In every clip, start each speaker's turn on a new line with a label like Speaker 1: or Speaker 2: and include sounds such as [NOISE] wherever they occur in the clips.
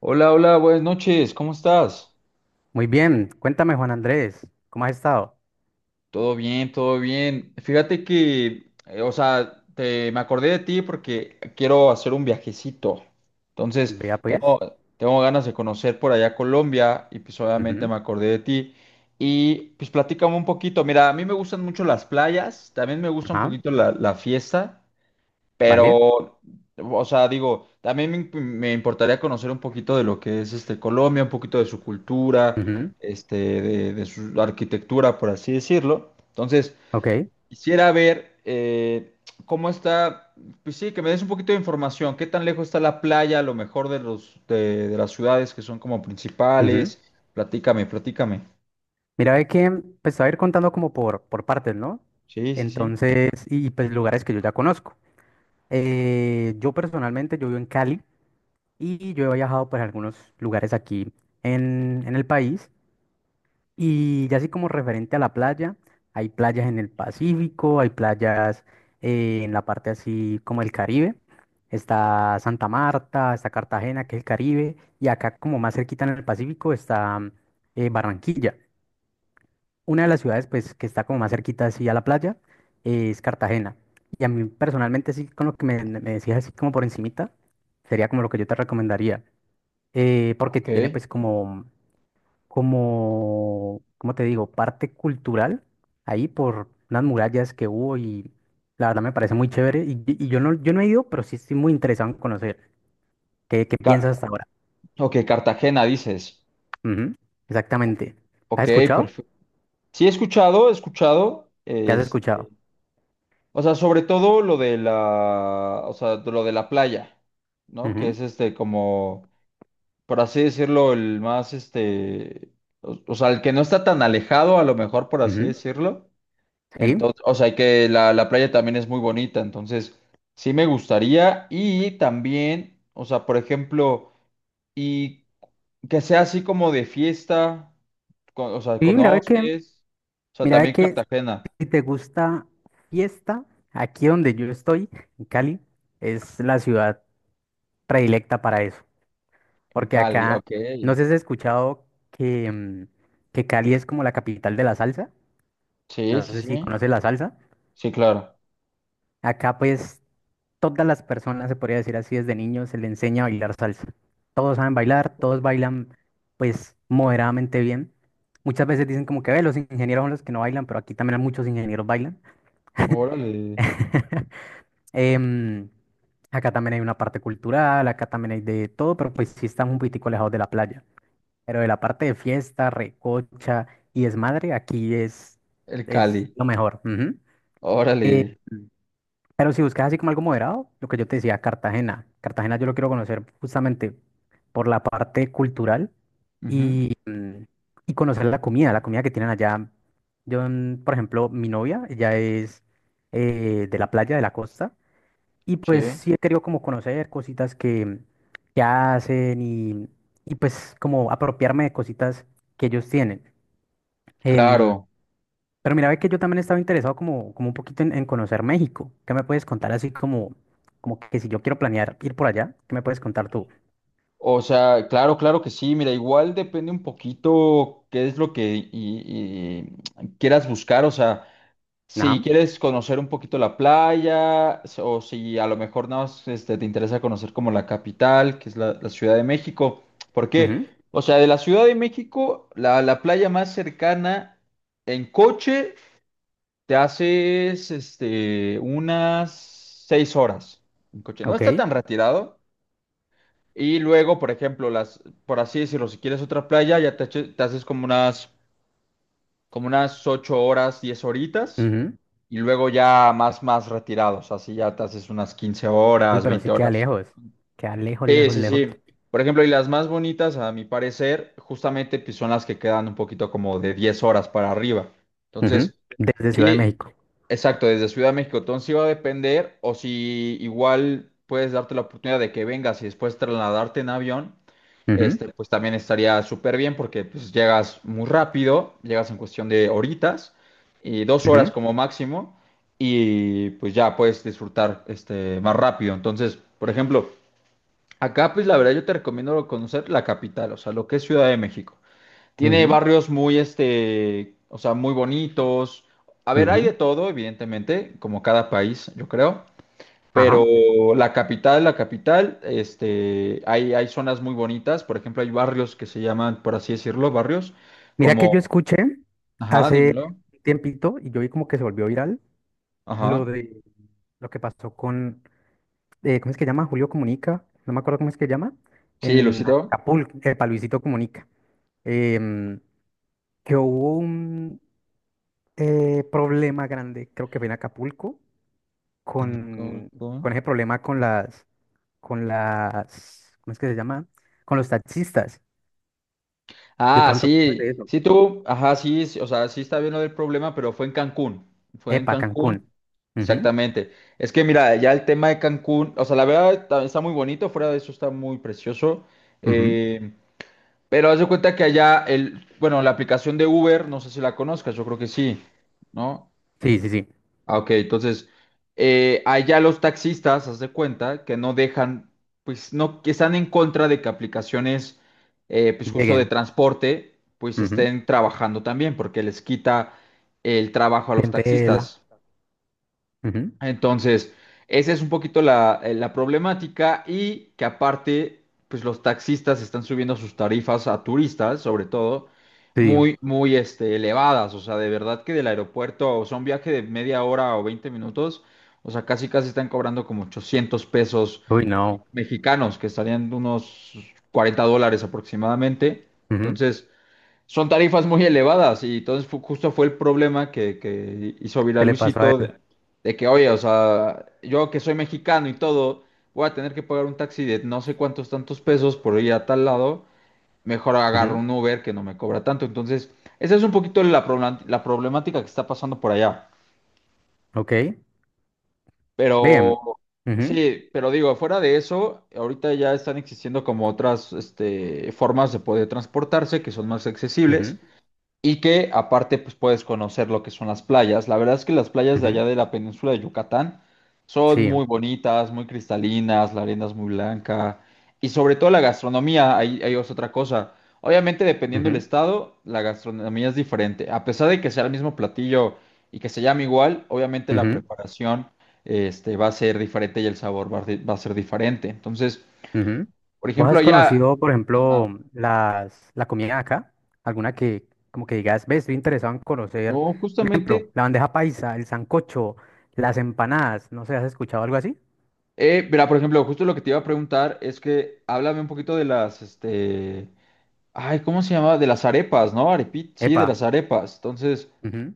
Speaker 1: Hola, hola, buenas noches, ¿cómo estás?
Speaker 2: Muy bien, cuéntame Juan Andrés, ¿cómo has estado?
Speaker 1: Todo bien, todo bien. Fíjate que, o sea, me acordé de ti porque quiero hacer un viajecito. Entonces,
Speaker 2: Vea pues.
Speaker 1: tengo ganas de conocer por allá Colombia y pues obviamente
Speaker 2: Ujú.
Speaker 1: me acordé de ti. Y pues platícame un poquito. Mira, a mí me gustan mucho las playas, también me gusta un
Speaker 2: Ajá.
Speaker 1: poquito la fiesta.
Speaker 2: Vale.
Speaker 1: Pero, o sea, digo, también me importaría conocer un poquito de lo que es este Colombia, un poquito de su cultura,
Speaker 2: Ujú.
Speaker 1: este, de su arquitectura, por así decirlo. Entonces,
Speaker 2: Ok.
Speaker 1: quisiera ver cómo está, pues sí, que me des un poquito de información, qué tan lejos está la playa, a lo mejor de de las ciudades que son como
Speaker 2: Ujú.
Speaker 1: principales. Platícame, platícame.
Speaker 2: Mira, ve que pues te voy a ir contando como por partes, ¿no?
Speaker 1: Sí, sí, sí.
Speaker 2: Entonces, y pues lugares que yo ya conozco. Yo personalmente, yo vivo en Cali y yo he viajado por algunos lugares aquí en el país. Y ya así como referente a la playa, hay playas en el Pacífico, hay playas en la parte así como el Caribe. Está Santa Marta, está Cartagena, que es el Caribe, y acá como más cerquita en el Pacífico está Barranquilla. Una de las ciudades pues que está como más cerquita así a la playa es Cartagena. Y a mí personalmente sí, con lo que me decías así como por encimita, sería como lo que yo te recomendaría, porque
Speaker 1: Ok.
Speaker 2: tiene pues como, ¿cómo te digo?, parte cultural ahí por unas murallas que hubo, y la verdad me parece muy chévere. Y yo no he ido, pero sí estoy muy interesado en conocer. ¿Qué
Speaker 1: Car-
Speaker 2: piensas hasta ahora?
Speaker 1: ok, Cartagena dices.
Speaker 2: Ujú.
Speaker 1: O-
Speaker 2: Exactamente. ¿Has
Speaker 1: Ok.
Speaker 2: escuchado?
Speaker 1: Sí, he escuchado,
Speaker 2: ¿Qué has
Speaker 1: este,
Speaker 2: escuchado?
Speaker 1: o sea, sobre todo lo de la, o sea, de lo de la playa, ¿no? Que
Speaker 2: Ujú,
Speaker 1: es este como, por así decirlo, el más, este, o sea, el que no está tan alejado, a lo mejor, por así
Speaker 2: ujú.
Speaker 1: decirlo.
Speaker 2: Sí.
Speaker 1: Entonces, o sea, que la playa también es muy bonita, entonces, sí me gustaría y también, o sea, por ejemplo, y que sea así como de fiesta, o sea,
Speaker 2: Sí, mira, ve que,
Speaker 1: conoces, o sea,
Speaker 2: mira, ve
Speaker 1: también
Speaker 2: que
Speaker 1: Cartagena.
Speaker 2: si te gusta fiesta, aquí donde yo estoy, en Cali, es la ciudad predilecta para eso.
Speaker 1: En
Speaker 2: Porque
Speaker 1: Cali,
Speaker 2: acá,
Speaker 1: ok.
Speaker 2: no sé si has escuchado que Cali es como la capital de la salsa.
Speaker 1: Sí,
Speaker 2: No
Speaker 1: sí,
Speaker 2: sé si
Speaker 1: sí.
Speaker 2: conoces la salsa.
Speaker 1: Sí, claro.
Speaker 2: Acá, pues, todas las personas, se podría decir así, desde niños se le enseña a bailar salsa. Todos saben bailar, todos bailan, pues, moderadamente bien. Muchas veces dicen como que, ve, los ingenieros son los que no bailan, pero aquí también muchos ingenieros bailan.
Speaker 1: Órale.
Speaker 2: [LAUGHS] Em, Acá también hay una parte cultural, acá también hay de todo, pero pues sí estamos un poquitico alejados de la playa. Pero de la parte de fiesta, recocha y desmadre, aquí es,
Speaker 1: El
Speaker 2: es
Speaker 1: Cali.
Speaker 2: lo mejor. Ujú.
Speaker 1: Órale.
Speaker 2: Mm. Pero si buscas así como algo moderado, lo que yo te decía, Cartagena. Cartagena yo lo quiero conocer justamente por la parte cultural
Speaker 1: Ujú.
Speaker 2: y, mm, y conocer la comida que tienen allá. Yo, por ejemplo, mi novia, ella es de la playa, de la costa, y pues
Speaker 1: Sí,
Speaker 2: sí he querido como conocer cositas que hacen, y pues como apropiarme de cositas que ellos tienen. Em,
Speaker 1: claro.
Speaker 2: pero mira, ve que yo también estaba interesado como un poquito en conocer México. ¿Qué me puedes contar así como que si yo quiero planear ir por allá, qué me puedes contar tú?
Speaker 1: O sea, claro, claro que sí. Mira, igual depende un poquito qué es lo que y quieras buscar. O sea, si
Speaker 2: Ajá.
Speaker 1: quieres conocer un poquito la playa o si a lo mejor no te interesa conocer como la capital, que es la Ciudad de México. ¿Por qué?
Speaker 2: Ujú.
Speaker 1: O sea, de la Ciudad de México, la playa más cercana en coche. Te haces este, unas 6 horas en coche. No
Speaker 2: Ok.
Speaker 1: está tan retirado. Y luego, por ejemplo, por así decirlo, si quieres otra playa, ya te haces como unas 8 horas, 10 horitas.
Speaker 2: Ujú.
Speaker 1: Y luego ya más, más retirados. Así ya te haces unas 15
Speaker 2: Uy,
Speaker 1: horas,
Speaker 2: pero
Speaker 1: 20
Speaker 2: sí queda
Speaker 1: horas.
Speaker 2: lejos. Queda lejos,
Speaker 1: Sí,
Speaker 2: lejos,
Speaker 1: sí,
Speaker 2: lejos.
Speaker 1: sí. Por ejemplo, y las más bonitas, a mi parecer, justamente pues, son las que quedan un poquito como de 10 horas para arriba.
Speaker 2: Ujú.
Speaker 1: Entonces,
Speaker 2: Desde Ciudad de
Speaker 1: sí,
Speaker 2: México.
Speaker 1: exacto, desde Ciudad de México. Entonces, sí va a depender, o si igual puedes darte la oportunidad de que vengas y después trasladarte en avión,
Speaker 2: Ujú.
Speaker 1: este, pues también estaría súper bien porque pues, llegas muy rápido, llegas en cuestión de horitas y 2 horas
Speaker 2: Ujú.
Speaker 1: como máximo, y pues ya puedes disfrutar este, más rápido. Entonces, por ejemplo. Acá, pues la verdad yo te recomiendo conocer la capital, o sea, lo que es Ciudad de México. Tiene
Speaker 2: Ujú.
Speaker 1: barrios muy, este, o sea, muy bonitos. A ver, hay
Speaker 2: Ujú.
Speaker 1: de todo, evidentemente, como cada país, yo creo. Pero
Speaker 2: Ajá.
Speaker 1: la capital, este, hay zonas muy bonitas. Por ejemplo, hay barrios que se llaman, por así decirlo, barrios
Speaker 2: Mira que yo
Speaker 1: como,
Speaker 2: escuché
Speaker 1: ajá,
Speaker 2: hace
Speaker 1: dímelo,
Speaker 2: un tiempito y yo vi como que se volvió viral lo
Speaker 1: ajá,
Speaker 2: de lo que pasó con ¿cómo es que llama? Julio Comunica, no me acuerdo cómo es que llama,
Speaker 1: sí,
Speaker 2: en
Speaker 1: Luisito.
Speaker 2: Acapulco, para Luisito Comunica, em, que hubo un problema grande, creo que fue en Acapulco, con,
Speaker 1: Anacalco.
Speaker 2: con ese problema con las, ¿cómo es que se llama? Con los taxistas. De
Speaker 1: Ah,
Speaker 2: pronto, ¿qué sabes de
Speaker 1: sí,
Speaker 2: eso?
Speaker 1: sí tú, ajá, sí, sí, o sea, sí está bien lo del problema, pero fue en
Speaker 2: Epa,
Speaker 1: Cancún,
Speaker 2: Cancún. Ujú,
Speaker 1: exactamente. Es que mira, ya el tema de Cancún, o sea, la verdad está muy bonito, fuera de eso está muy precioso,
Speaker 2: ujú.
Speaker 1: eh, pero haz de cuenta que allá, el, bueno, la aplicación de Uber, no sé si la conozcas, yo creo que sí, ¿no?
Speaker 2: Sí, sí, sí.
Speaker 1: Ah, ok, entonces, allá los taxistas, haz de cuenta, que no dejan, pues no, que están en contra de que aplicaciones, pues justo de
Speaker 2: Lleguen.
Speaker 1: transporte, pues
Speaker 2: Ujú.
Speaker 1: estén trabajando también, porque les quita el trabajo a los
Speaker 2: Clientela.
Speaker 1: taxistas.
Speaker 2: Ujú.
Speaker 1: Entonces, esa es un poquito la, la problemática y que aparte, pues los taxistas están subiendo sus tarifas a turistas, sobre todo,
Speaker 2: Sí.
Speaker 1: muy, muy este, elevadas. O sea, de verdad que del aeropuerto, o sea, un viaje de media hora o 20 minutos, o sea, casi, casi están cobrando como ochocientos pesos
Speaker 2: Uy, no.
Speaker 1: mexicanos, que estarían unos $40 aproximadamente.
Speaker 2: Ujú.
Speaker 1: Entonces, son tarifas muy elevadas y entonces justo fue el problema que hizo
Speaker 2: ¿Qué
Speaker 1: viral
Speaker 2: le pasó a
Speaker 1: Luisito
Speaker 2: él?
Speaker 1: de que, oye, o sea, yo que soy mexicano y todo, voy a tener que pagar un taxi de no sé cuántos tantos pesos por ir a tal lado, mejor agarro
Speaker 2: Ujú.
Speaker 1: un Uber que no me cobra tanto. Entonces, esa es un poquito la, la problemática que está pasando por allá.
Speaker 2: Ok. Bien.
Speaker 1: Pero,
Speaker 2: Ujú,
Speaker 1: sí, pero digo, fuera de eso, ahorita ya están existiendo como otras este, formas de poder transportarse que son más accesibles.
Speaker 2: ujú,
Speaker 1: Y que aparte pues puedes conocer lo que son las playas. La verdad es que las playas de allá
Speaker 2: ujú.
Speaker 1: de la península de Yucatán son
Speaker 2: Sí.
Speaker 1: muy bonitas, muy cristalinas, la arena es muy blanca y sobre todo la gastronomía, ahí, ahí es otra cosa. Obviamente dependiendo del
Speaker 2: Ujú,
Speaker 1: estado, la gastronomía es diferente. A pesar de que sea el mismo platillo y que se llame igual, obviamente la
Speaker 2: ujú,
Speaker 1: preparación este, va a ser diferente y el sabor va a, va a ser diferente. Entonces,
Speaker 2: ujú.
Speaker 1: por
Speaker 2: ¿Vos
Speaker 1: ejemplo,
Speaker 2: has
Speaker 1: allá...
Speaker 2: conocido, por
Speaker 1: Ajá.
Speaker 2: ejemplo, la comida de acá? ¿Alguna que como que digas, ves, estoy interesado en conocer?
Speaker 1: No,
Speaker 2: Por ejemplo,
Speaker 1: justamente
Speaker 2: la bandeja paisa, el sancocho, las empanadas. No sé, ¿has escuchado algo así?
Speaker 1: Mira, por ejemplo, justo lo que te iba a preguntar es que háblame un poquito de las, este, ay, ¿cómo se llama? De las arepas, ¿no? Sí,
Speaker 2: Epa.
Speaker 1: de las arepas. Entonces,
Speaker 2: Ujú.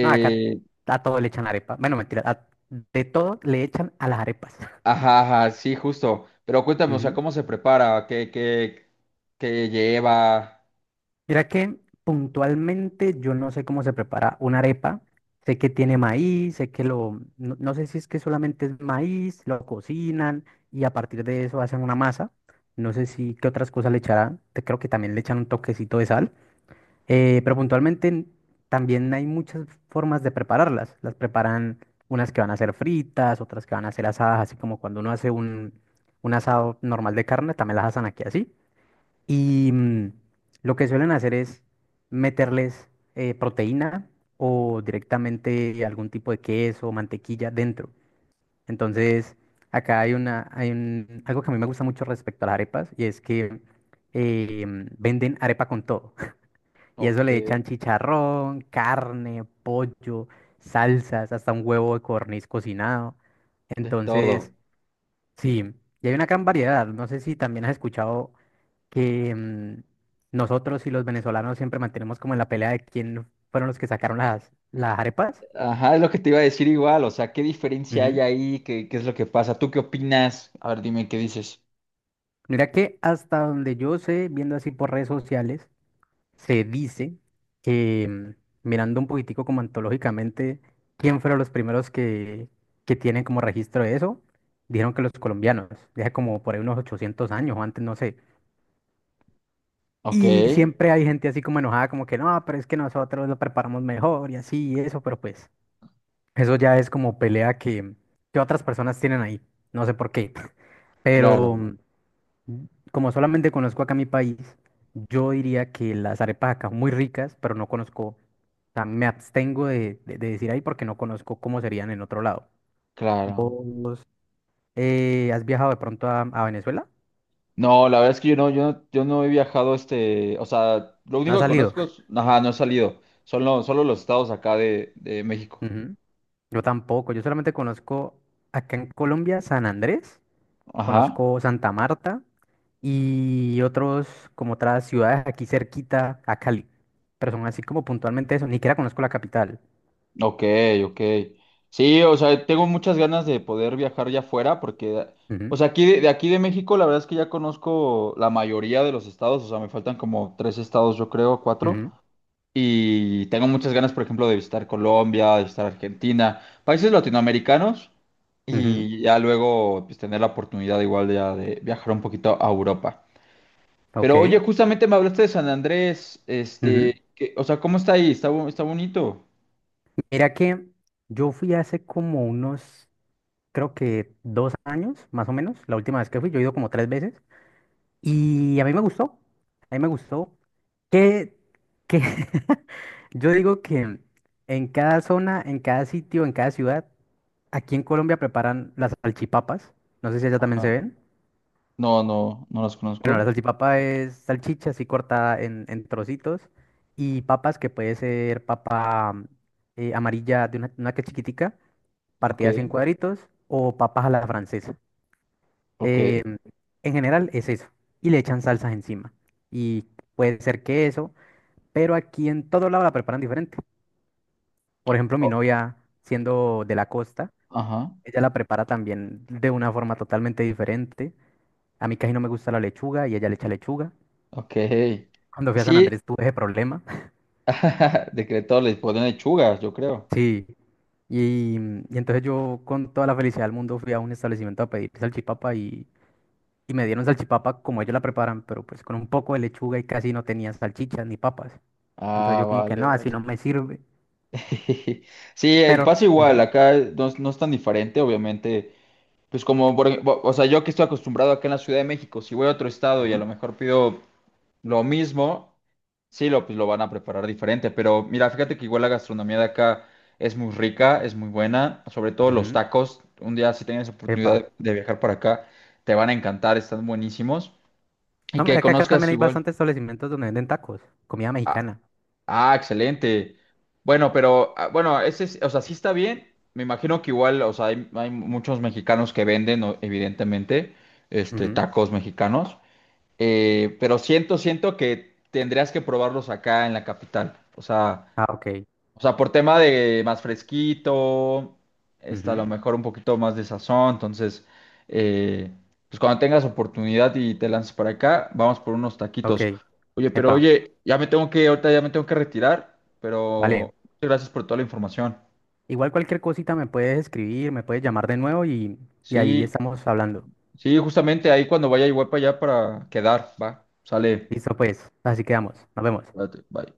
Speaker 2: No, acá a todo le echan arepa. Bueno, mentira, de todo le echan a las arepas. [LAUGHS]
Speaker 1: ajá, ajá, sí, justo. Pero cuéntame, o sea,
Speaker 2: Ujú.
Speaker 1: ¿cómo se prepara? ¿Qué, qué, qué lleva?
Speaker 2: Mira que puntualmente yo no sé cómo se prepara una arepa. Sé que tiene maíz, sé que lo, no, no sé si es que solamente es maíz, lo cocinan y a partir de eso hacen una masa. No sé si qué otras cosas le echarán. Creo que también le echan un toquecito de sal. Pero puntualmente también hay muchas formas de prepararlas. Las preparan unas que van a ser fritas, otras que van a ser asadas, así como cuando uno hace un asado normal de carne, también las asan aquí así. Y lo que suelen hacer es meterles proteína o directamente algún tipo de queso o mantequilla dentro. Entonces, acá hay una, hay un- algo que a mí me gusta mucho respecto a las arepas, y es que venden arepa con todo. [LAUGHS] Y eso
Speaker 1: Ok,
Speaker 2: le echan
Speaker 1: de
Speaker 2: chicharrón, carne, pollo, salsas, hasta un huevo de codorniz cocinado. Entonces,
Speaker 1: todo.
Speaker 2: sí, y hay una gran variedad. No sé si también has escuchado que nosotros y los venezolanos siempre mantenemos como en la pelea de quién fueron los que sacaron las arepas.
Speaker 1: Ajá, es lo que te iba a decir igual, o sea, ¿qué diferencia hay
Speaker 2: Ujú.
Speaker 1: ahí? ¿Qué, qué es lo que pasa? ¿Tú qué opinas? A ver, dime, ¿qué dices?
Speaker 2: Mira que hasta donde yo sé, viendo así por redes sociales, se dice que mirando un poquitico como antológicamente, quién fueron los primeros que tienen como registro de eso, dijeron que los colombianos, ya como por ahí unos 800 años o antes, no sé.
Speaker 1: Ok,
Speaker 2: Y siempre hay gente así como enojada, como que no, pero es que nosotros lo preparamos mejor y así y eso, pero pues eso ya es como pelea que otras personas tienen ahí. No sé por qué.
Speaker 1: claro,
Speaker 2: Pero como solamente conozco acá mi país, yo diría que las arepas acá son muy ricas, pero no conozco, o sea, me abstengo de decir ahí porque no conozco cómo serían en otro lado.
Speaker 1: claro.
Speaker 2: ¿Vos has viajado de pronto a Venezuela?
Speaker 1: No, la verdad es que yo no, yo no, yo no he viajado este, o sea, lo
Speaker 2: ¿No
Speaker 1: único
Speaker 2: has
Speaker 1: que
Speaker 2: salido?
Speaker 1: conozco es, ajá, no he salido, solo, solo los estados acá de
Speaker 2: [LAUGHS]
Speaker 1: México.
Speaker 2: Ujú. Yo tampoco, yo solamente conozco acá en Colombia San Andrés.
Speaker 1: Ajá,
Speaker 2: Conozco Santa Marta y otros como otras ciudades aquí cerquita a Cali, pero son así como puntualmente eso, ni siquiera conozco la capital.
Speaker 1: ok, ok. Sí, o sea, tengo muchas ganas de poder viajar ya afuera porque,
Speaker 2: Ujú,
Speaker 1: o sea, aquí de aquí de México, la verdad es que ya conozco la mayoría de los estados, o sea, me faltan como tres estados, yo creo, cuatro. Y tengo muchas ganas, por ejemplo, de visitar Colombia, de visitar Argentina, países latinoamericanos
Speaker 2: ujú, ujú.
Speaker 1: y ya luego pues, tener la oportunidad igual de, ya de viajar un poquito a Europa.
Speaker 2: Ok.
Speaker 1: Pero oye, justamente me hablaste de San Andrés,
Speaker 2: Ujú.
Speaker 1: este, o sea, ¿cómo está ahí? ¿Está, está bonito?
Speaker 2: Mira que yo fui hace como unos, creo que 2 años, más o menos, la última vez que fui, yo he ido como tres veces. Y a mí me gustó que, que [LAUGHS] yo digo que en cada zona, en cada sitio, en cada ciudad, aquí en Colombia preparan las salchipapas. No sé si allá también se
Speaker 1: Ajá.
Speaker 2: ven.
Speaker 1: No, no, no los
Speaker 2: Bueno, la
Speaker 1: conozco.
Speaker 2: salchipapa es salchicha así cortada en trocitos y papas que puede ser papa amarilla, de una que chiquitica,
Speaker 1: Ok,
Speaker 2: partida así en cuadritos, o papas a la francesa.
Speaker 1: ok.
Speaker 2: Eh, en general es eso. Y le echan salsas encima. Y puede ser queso, pero aquí en todo lado la preparan diferente. Por ejemplo, mi
Speaker 1: O-
Speaker 2: novia, siendo de la costa,
Speaker 1: ajá,
Speaker 2: ella la prepara también de una forma totalmente diferente. A mí casi no me gusta la lechuga y ella le echa lechuga.
Speaker 1: ok.
Speaker 2: Cuando fui a San
Speaker 1: Sí,
Speaker 2: Andrés tuve ese problema. [LAUGHS]
Speaker 1: [LAUGHS] decretó, les ponen lechugas, yo creo.
Speaker 2: Sí. Y entonces yo con toda la felicidad del mundo fui a un establecimiento a pedir salchipapa, y me dieron salchipapa como ellos la preparan, pero pues con un poco de lechuga y casi no tenía salchichas ni papas. Entonces
Speaker 1: Ah,
Speaker 2: yo como
Speaker 1: vale,
Speaker 2: que no, así
Speaker 1: vale.
Speaker 2: no me sirve.
Speaker 1: [LAUGHS] Sí, y
Speaker 2: Pero,
Speaker 1: pasa igual,
Speaker 2: ujú.
Speaker 1: acá no, es no es tan diferente, obviamente, pues como, por o sea, yo que estoy acostumbrado acá en la Ciudad de México, si voy a otro estado y a
Speaker 2: Ujú.
Speaker 1: lo mejor pido lo mismo, sí, lo, pues lo van a preparar diferente, pero mira, fíjate que igual la gastronomía de acá es muy rica, es muy buena, sobre todo los
Speaker 2: Ujú.
Speaker 1: tacos, un día si tienes oportunidad
Speaker 2: Epa.
Speaker 1: de viajar para acá, te van a encantar, están buenísimos, y
Speaker 2: No,
Speaker 1: que
Speaker 2: mira que acá
Speaker 1: conozcas
Speaker 2: también hay
Speaker 1: igual.
Speaker 2: bastantes establecimientos donde venden tacos, comida mexicana.
Speaker 1: Ah, excelente. Bueno, pero ah, bueno, ese, o sea, sí está bien. Me imagino que igual, o sea, hay muchos mexicanos que venden, evidentemente, este,
Speaker 2: Ujú.
Speaker 1: tacos mexicanos. Pero siento, siento que tendrías que probarlos acá en la capital.
Speaker 2: Ah, ok.
Speaker 1: O sea, por tema de más fresquito, está a
Speaker 2: Ujú.
Speaker 1: lo mejor un poquito más de sazón. Entonces, eh, pues cuando tengas oportunidad y te lances para acá, vamos por unos taquitos.
Speaker 2: Ok.
Speaker 1: Oye, pero
Speaker 2: Epa,
Speaker 1: oye, ya me tengo que, ahorita ya me tengo que retirar, pero
Speaker 2: vale.
Speaker 1: muchas gracias por toda la información.
Speaker 2: Igual cualquier cosita me puedes escribir, me puedes llamar de nuevo, y ahí
Speaker 1: Sí,
Speaker 2: estamos hablando.
Speaker 1: sí, justamente ahí cuando vaya igual para allá para quedar, va, sale,
Speaker 2: Listo, pues. Así quedamos. Nos vemos.
Speaker 1: cuídate, bye.